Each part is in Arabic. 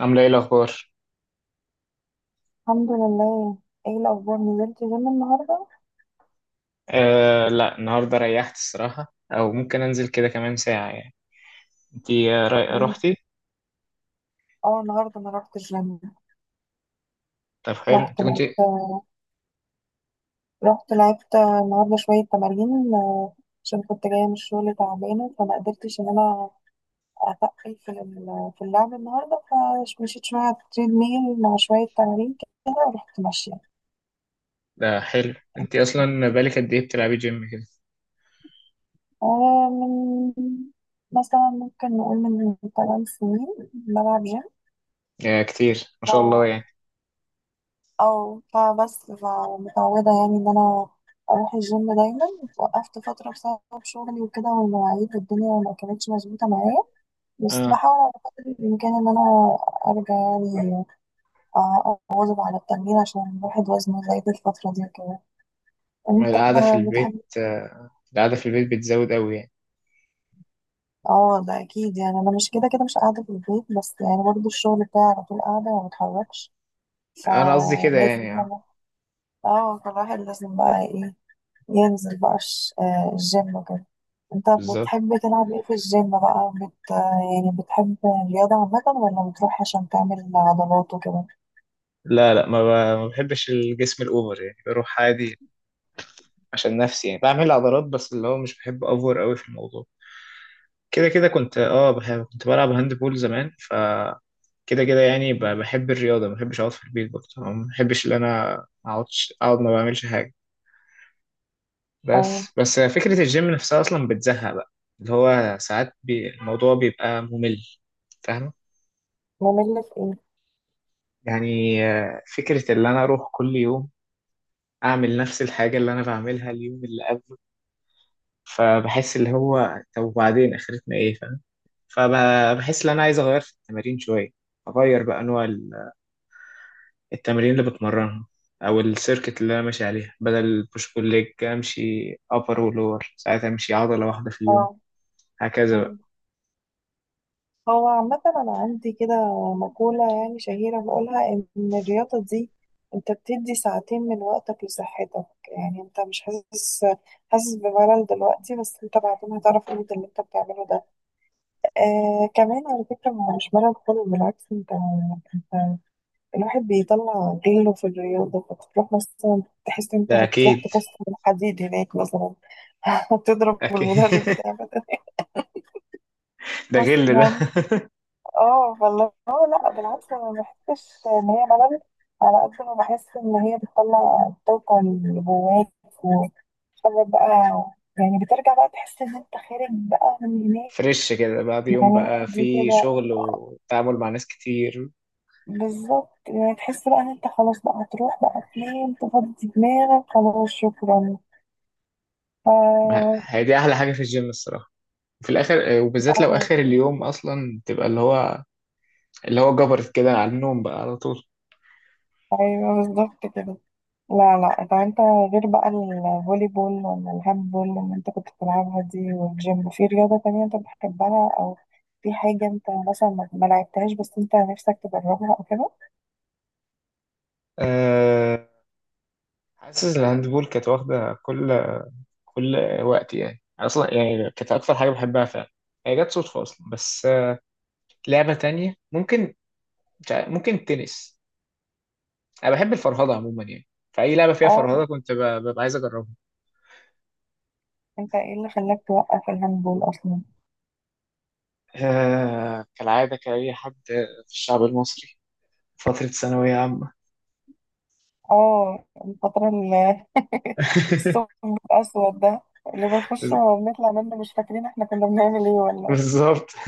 عاملة ايه الأخبار؟ الحمد لله. ايه الاخبار، نزلت جيم النهارده؟ لا، النهاردة ريحت الصراحة، أو ممكن أنزل كده كمان ساعة يعني. انتي، مم. روحتي؟ اه، النهارده انا رحت الجيم. طب حلو، رحت انت لعبت كنتي. رحت لعبت النهارده شويه تمارين. عشان كنت جايه من الشغل تعبانه، فما قدرتش ان انا اتقل في اللعب النهارده. فمشيت شويه على التريد ميل مع شويه تمارين كده ورحت ماشيه. ده حلو، انتي أصلا بقالك قد ايه بتلعبي جيم كده؟ من مثلا ممكن نقول من 8 سنين بلعب جيم. يا كتير، ما شاء الله يعني. او فبس، فمتعودة يعني ان انا اروح الجيم دايما. وقفت فترة بسبب شغلي وكده، والمواعيد والدنيا ما كانتش مظبوطة معايا، بس اه، بحاول على قدر الامكان ان انا ارجع يعني، اواظب على التمرين، عشان الواحد وزنه زايد الفترة دي وكده. انت القعدة في البيت، بتحب؟ القعدة في البيت بتزود أوي يعني. اه، ده اكيد. يعني انا مش كده كده مش قاعدة في البيت، بس يعني برضه الشغل بتاعي على طول قاعدة وما بتحركش. أنا قصدي كده فلازم يعني، اه بقى- اه، فالواحد لازم بقى ايه، ينزل بقى الجيم وكده. انت بالظبط. بتحب تلعب ايه في الجيم بقى، بت... آه، يعني بتحب الرياضة عامة ولا بتروح عشان تعمل عضلات وكده؟ لا لا، ما بحبش الجسم الأوفر يعني، بروح عادي عشان نفسي يعني بعمل عضلات، بس اللي هو مش بحب أوفر أوي في الموضوع. كده كده كنت بحب، كنت بلعب هاند بول زمان. ف كده كده يعني، بحب الرياضة، ما بحبش أقعد في البيت برضه، أو ما بحبش إن أنا أقعدش أقعد ما بعملش حاجة. اه. بس فكرة الجيم نفسها أصلا بتزهق بقى، اللي هو ساعات بي الموضوع بيبقى ممل. فاهمة؟ ممل في ايه؟ يعني فكرة إن أنا أروح كل يوم أعمل نفس الحاجة اللي أنا بعملها اليوم اللي قبله، فبحس اللي هو طب وبعدين آخرتنا إيه، فاهم؟ فبحس إن أنا عايز أغير في التمارين شوية، أغير بقى نوع التمارين اللي بتمرنها، او السيركت اللي انا ماشي عليها. بدل البوش بول ليج امشي ابر ولور، ساعات امشي عضله واحده في اليوم اه. هكذا آه. بقى. هو عامة أنا عندي كده مقولة يعني شهيرة بقولها، إن الرياضة دي، أنت بتدي ساعتين من وقتك لصحتك، يعني أنت مش حاسس بملل دلوقتي، بس أنت بعدين هتعرف قيمة اللي أنت بتعمله ده. آه، كمان على فكرة هو مش ملل خالص، بالعكس. أنت الواحد بيطلع غله في الرياضة، فتروح مثلا تحس إن انت ده هتروح اكيد تكسر الحديد هناك مثلا. هتضرب اكيد. المدرب بتاعك ده غل ده. مثلا. اه والله. اه، لا بالعكس انا ما بحسش ان هي ملل، على قد ما بحس ان هي بتطلع الطاقة اللي جواك وتخرج بقى. يعني بترجع بقى تحس ان انت خارج بقى من هناك. فريش كده بعد يوم يعني بقى عادي في كده. شغل وتعامل مع ناس كتير. بالظبط، يعني تحس بقى ان انت خلاص بقى هتروح بقى فين تفضي دماغك. خلاص، شكرا. اه. هي دي احلى حاجه في الجيم الصراحه، في الاخر، وبالذات لو آه. اخر اليوم اصلا تبقى اللي هو جبرت كده على النوم بقى على طول. ايوه بالظبط كده. لا لا، طب انت غير بقى الفولي بول ولا الهاند بول اللي انت كنت بتلعبها دي والجيم، في رياضة تانية انت بتحبها، او في حاجة انت مثلا ما لعبتهاش بس انت نفسك تجربها او كده؟ أه... حاسس الهاندبول كانت واخده كل وقت يعني، أنا اصلا يعني كانت اكتر حاجه بحبها فعلا، هي جت صدفه اصلا. بس، لعبه تانية ممكن، مش عارف- ممكن التنس. انا بحب الفرهده عموما يعني، فاي لعبه فيها اه. فرهده كنت ببقى عايز اجربها. انت ايه اللي خلاك توقف الهاند بول اصلا؟ كالعاده، كاي حد في الشعب المصري، فتره ثانويه عامه. اه، الفترة اللي الثقب الاسود ده، اللي بنخش بز- وبنطلع منه مش فاكرين احنا كنا بنعمل ايه ولا بالظبط.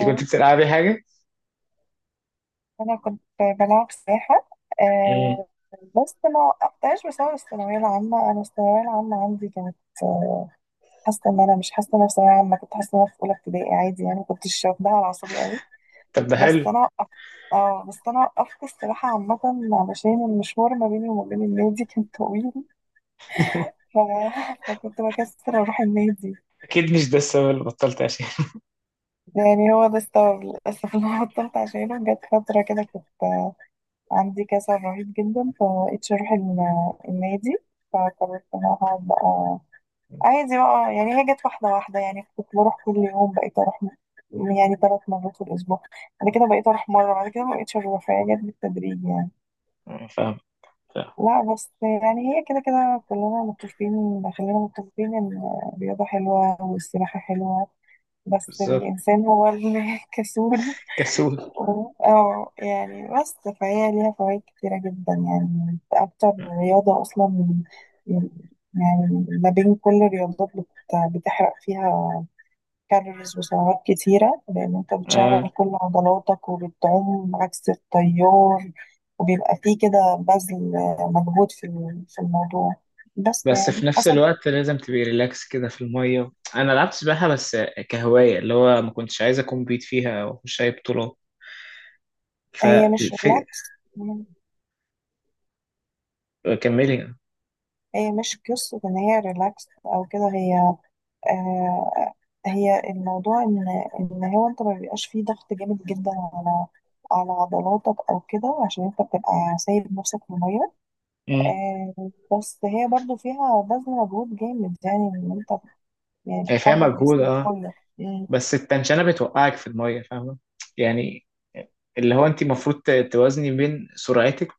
انت كنت بتلعبي حاجه؟ انا كنت بلعب سباحه. مم. آه. بس ما وقفتهاش بسبب الثانويه العامه. انا الثانويه العامه عندي كانت، آه، حاسه ان انا مش حاسه ان انا في ثانويه عامه، كنت حاسه ان انا في اولى ابتدائي عادي. يعني ما كنتش واخداها على اعصابي قوي. طب ده حلو. بس انا وقفت. اه، بس انا وقفت السباحه عامه علشان المشوار ما بيني وما بين النادي كان طويل. ف- فكنت بكسر اروح النادي. اكيد مش ده السبب اللي بطلت عشان. يعني هو ده السبب للاسف اللي أنا بطلت عشانه. جت فتره كده كنت عندي كسل رهيب جدا، فبقيتش اروح النادي، فقررت ان انا هقعد بقى عادي بقى. يعني هي جت واحدة واحدة. يعني كنت بروح كل يوم، بقيت اروح يعني ثلاث مرات في الاسبوع، بعد كده بقيت اروح مرة، بعد كده مبقتش اروح. فهي جت بالتدريج يعني. فاهم، فاهم. لا بس يعني هي كده كده كلنا متفقين، خلينا متفقين ان الرياضة حلوة والسباحة حلوة، بس بالظبط، الانسان هو اللي كسول. كسول. اه يعني. بس فهي ليها فوائد كتيرة جدا، يعني أكتر رياضة أصلا، يعني ما بين كل الرياضات، بتحرق فيها كالوريز وسعرات كتيرة، لأن أنت آه. بتشغل كل عضلاتك وبتعوم عكس التيار، وبيبقى فيه كده بذل مجهود في الموضوع. بس بس يعني في نفس حسب. الوقت لازم تبقي ريلاكس كده في المية. أنا لعبت سباحة بس كهواية، اللي هو ما كنتش عايز أكون بيت فيها أو أخش أي بطولة، هي مش فالفي... ريلاكس. كملي. هي مش قصة إن هي ريلاكس أو كده. هي، آه، هي الموضوع ان، هو انت ما بيبقاش فيه ضغط جامد جدا على على عضلاتك او كده، عشان انت بتبقى سايب نفسك في الميه. امم. آه، بس هي برضو فيها بذل مجهود جامد، يعني ان انت يعني هي فيها بتحرك مجهود جسمك أه، كله. مم. بس التنشنة بتوقعك في المية، فاهمة يعني؟ اللي هو أنت المفروض توازني بين سرعتك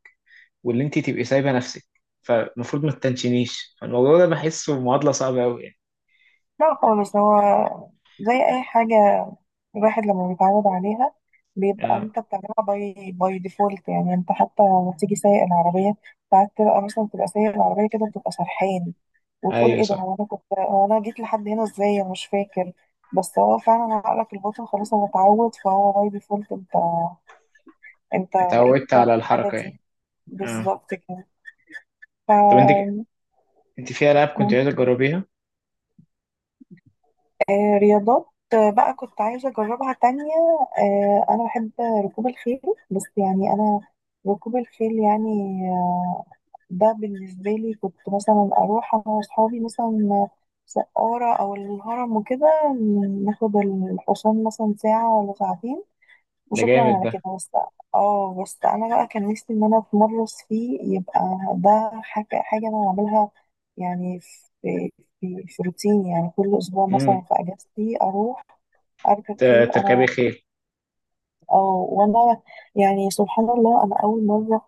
واللي أنت تبقي سايبة نفسك، فالمفروض ما تتنشنيش. فالموضوع ده بحسه معادلة صعبة أوي يعني. لا خالص، هو زي اي حاجه، الواحد لما بيتعود عليها بيبقى أه، انت بتعملها باي ديفولت. يعني انت حتى لما تيجي سايق العربيه ساعات تبقى مثلا تبقى سايق العربيه كده بتبقى سرحان، وتقول أيوه ايه ده، صح. هو انا جيت لحد هنا ازاي، انا مش فاكر. بس هو فعلا عقلك الباطن خلاص هو اتعود، فهو باي ديفولت انت بقيت اتعودت تعمل على الحاجه الحركة يعني. دي. أه. بالظبط كده. طب أنت ف أنت في ألعاب كنت مم. عايزة تجربيها؟ رياضات، بقى كنت عايزه اجربها تانية. انا بحب ركوب الخيل. بس يعني انا، ركوب الخيل يعني، آه، ده بالنسبة لي كنت مثلا أروح أنا وأصحابي مثلا سقارة أو الهرم وكده، ناخد الحصان مثلا ساعة ولا ساعتين ده وشكرا جامد على كده ده. بس. اه بس أنا بقى كان نفسي إن أنا أتمرس فيه، يبقى ده حاجة أنا أعملها يعني، في روتيني، يعني كل أسبوع امم. مثلا في أجازتي أروح أركب ت- خيل تركبي أنا. خيل؟ اه، وأنا يعني سبحان الله، أنا أول مرة،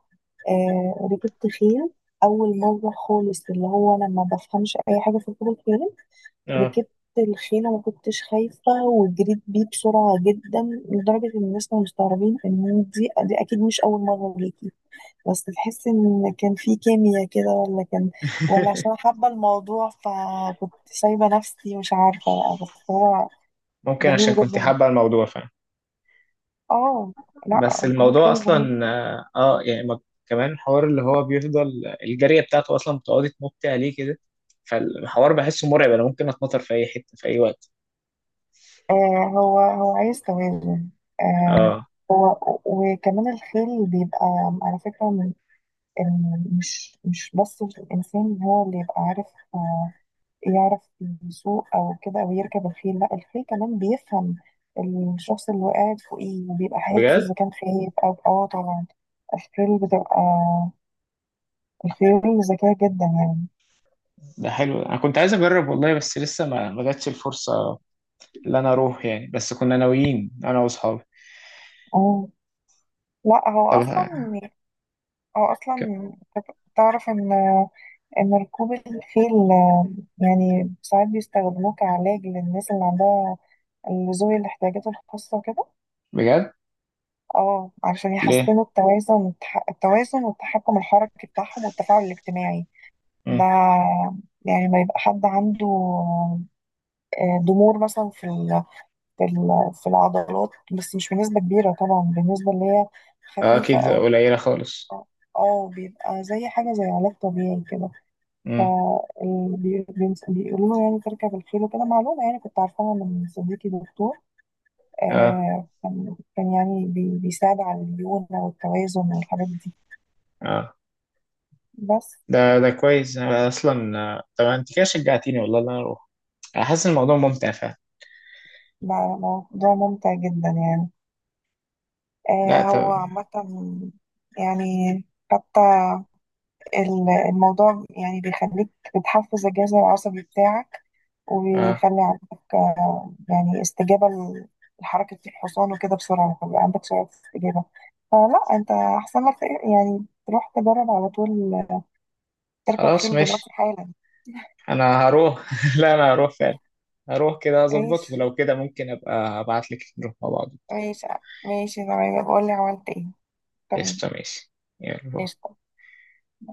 آه، ركبت خيل، أول مرة خالص، اللي هو أنا ما بفهمش أي حاجة في ركوب الخيل. اه. ركبت الخيل وما كنتش خايفة، وجريت بيه بسرعة جدا لدرجة إن الناس كانوا مستغربين إن دي أكيد مش أول مرة ليكي. بس تحس إن كان في كيمياء كده، ولا كان، ولا عشان أنا حابة الموضوع فكنت سايبة نفسي مش عارفة بقى، بس هو ممكن عشان جميل كنت جدا. حابة الموضوع فعلا. اه، لا بس ركوب الموضوع الخيل جميل. أصلا، يعني كمان حوار اللي هو بيفضل الجارية بتاعته أصلا بتقعدي تنطي عليه كده، فالحوار بحسه مرعب، أنا ممكن أتنطر في أي حتة في أي وقت. آه. هو عايز توازن. آه. اه. هو، وكمان الخيل بيبقى على فكرة، من مش بس الإنسان هو اللي يبقى عارف، آه، يعرف يسوق أو كده أو يركب الخيل. لا الخيل كمان بيفهم الشخص اللي قاعد فوقيه، وبيبقى حاسس بجد؟ إذا كان خايف، أو اه طبعا. الخيل بتبقى، الخيل ذكية جدا يعني. ده حلو. أنا كنت عايز أجرب والله، بس لسه ما جاتش الفرصة اللي أنا أروح يعني، بس كنا ناويين أنا وأصحابي. اه. لا طب ه- هو ك- أصلا تعرف إن، ركوب الخيل، يعني ساعات بيستخدموه كعلاج للناس اللي عندها، اللي ذوي الاحتياجات الخاصة وكده، بجد؟ اه علشان ليه؟ يحسنوا التوازن والتحكم الحركي بتاعهم والتفاعل الاجتماعي. مم. ده يعني ما يبقى حد عنده ضمور مثلا في العضلات، بس مش بنسبة كبيرة طبعا، بالنسبة اللي هي اه، خفيفة أكيد أو. قليلة خالص. اه، بيبقى زي حاجة زي علاج طبيعي كده، مم. فبيقولوا له يعني ترجع بالخير وكده. معلومة يعني كنت عارفاها من صديقي دكتور، اه، كان يعني بيساعد على الليونة والتوازن والحاجات دي. اه، بس ده كويس. أنا اصلا، طب انت كده شجعتيني والله ان انا اروح، انا حاسس إن الموضوع ممتع فعلا. بقى موضوع ممتع جدا، يعني. لا هو طب. عامة، يعني حتى الموضوع يعني بيخليك، بتحفز الجهاز العصبي بتاعك، آه. ويخلي عندك يعني استجابة لحركة الحصان وكده بسرعة، فبقى عندك سرعة استجابة. فلا انت أحسن لك يعني تروح تجرب على طول، تركب خلاص خيل دلوقتي ماشي، حالا. انا هروح. لا انا هروح فعلا، هروح كده اظبط، ماشي، ولو كده ممكن ابقى ابعت لك نروح مع بعض. ماشي، ماشي تمام. بقول لي عملت ايه. تمام. قشطة، ماشي. يلا باي. قشطة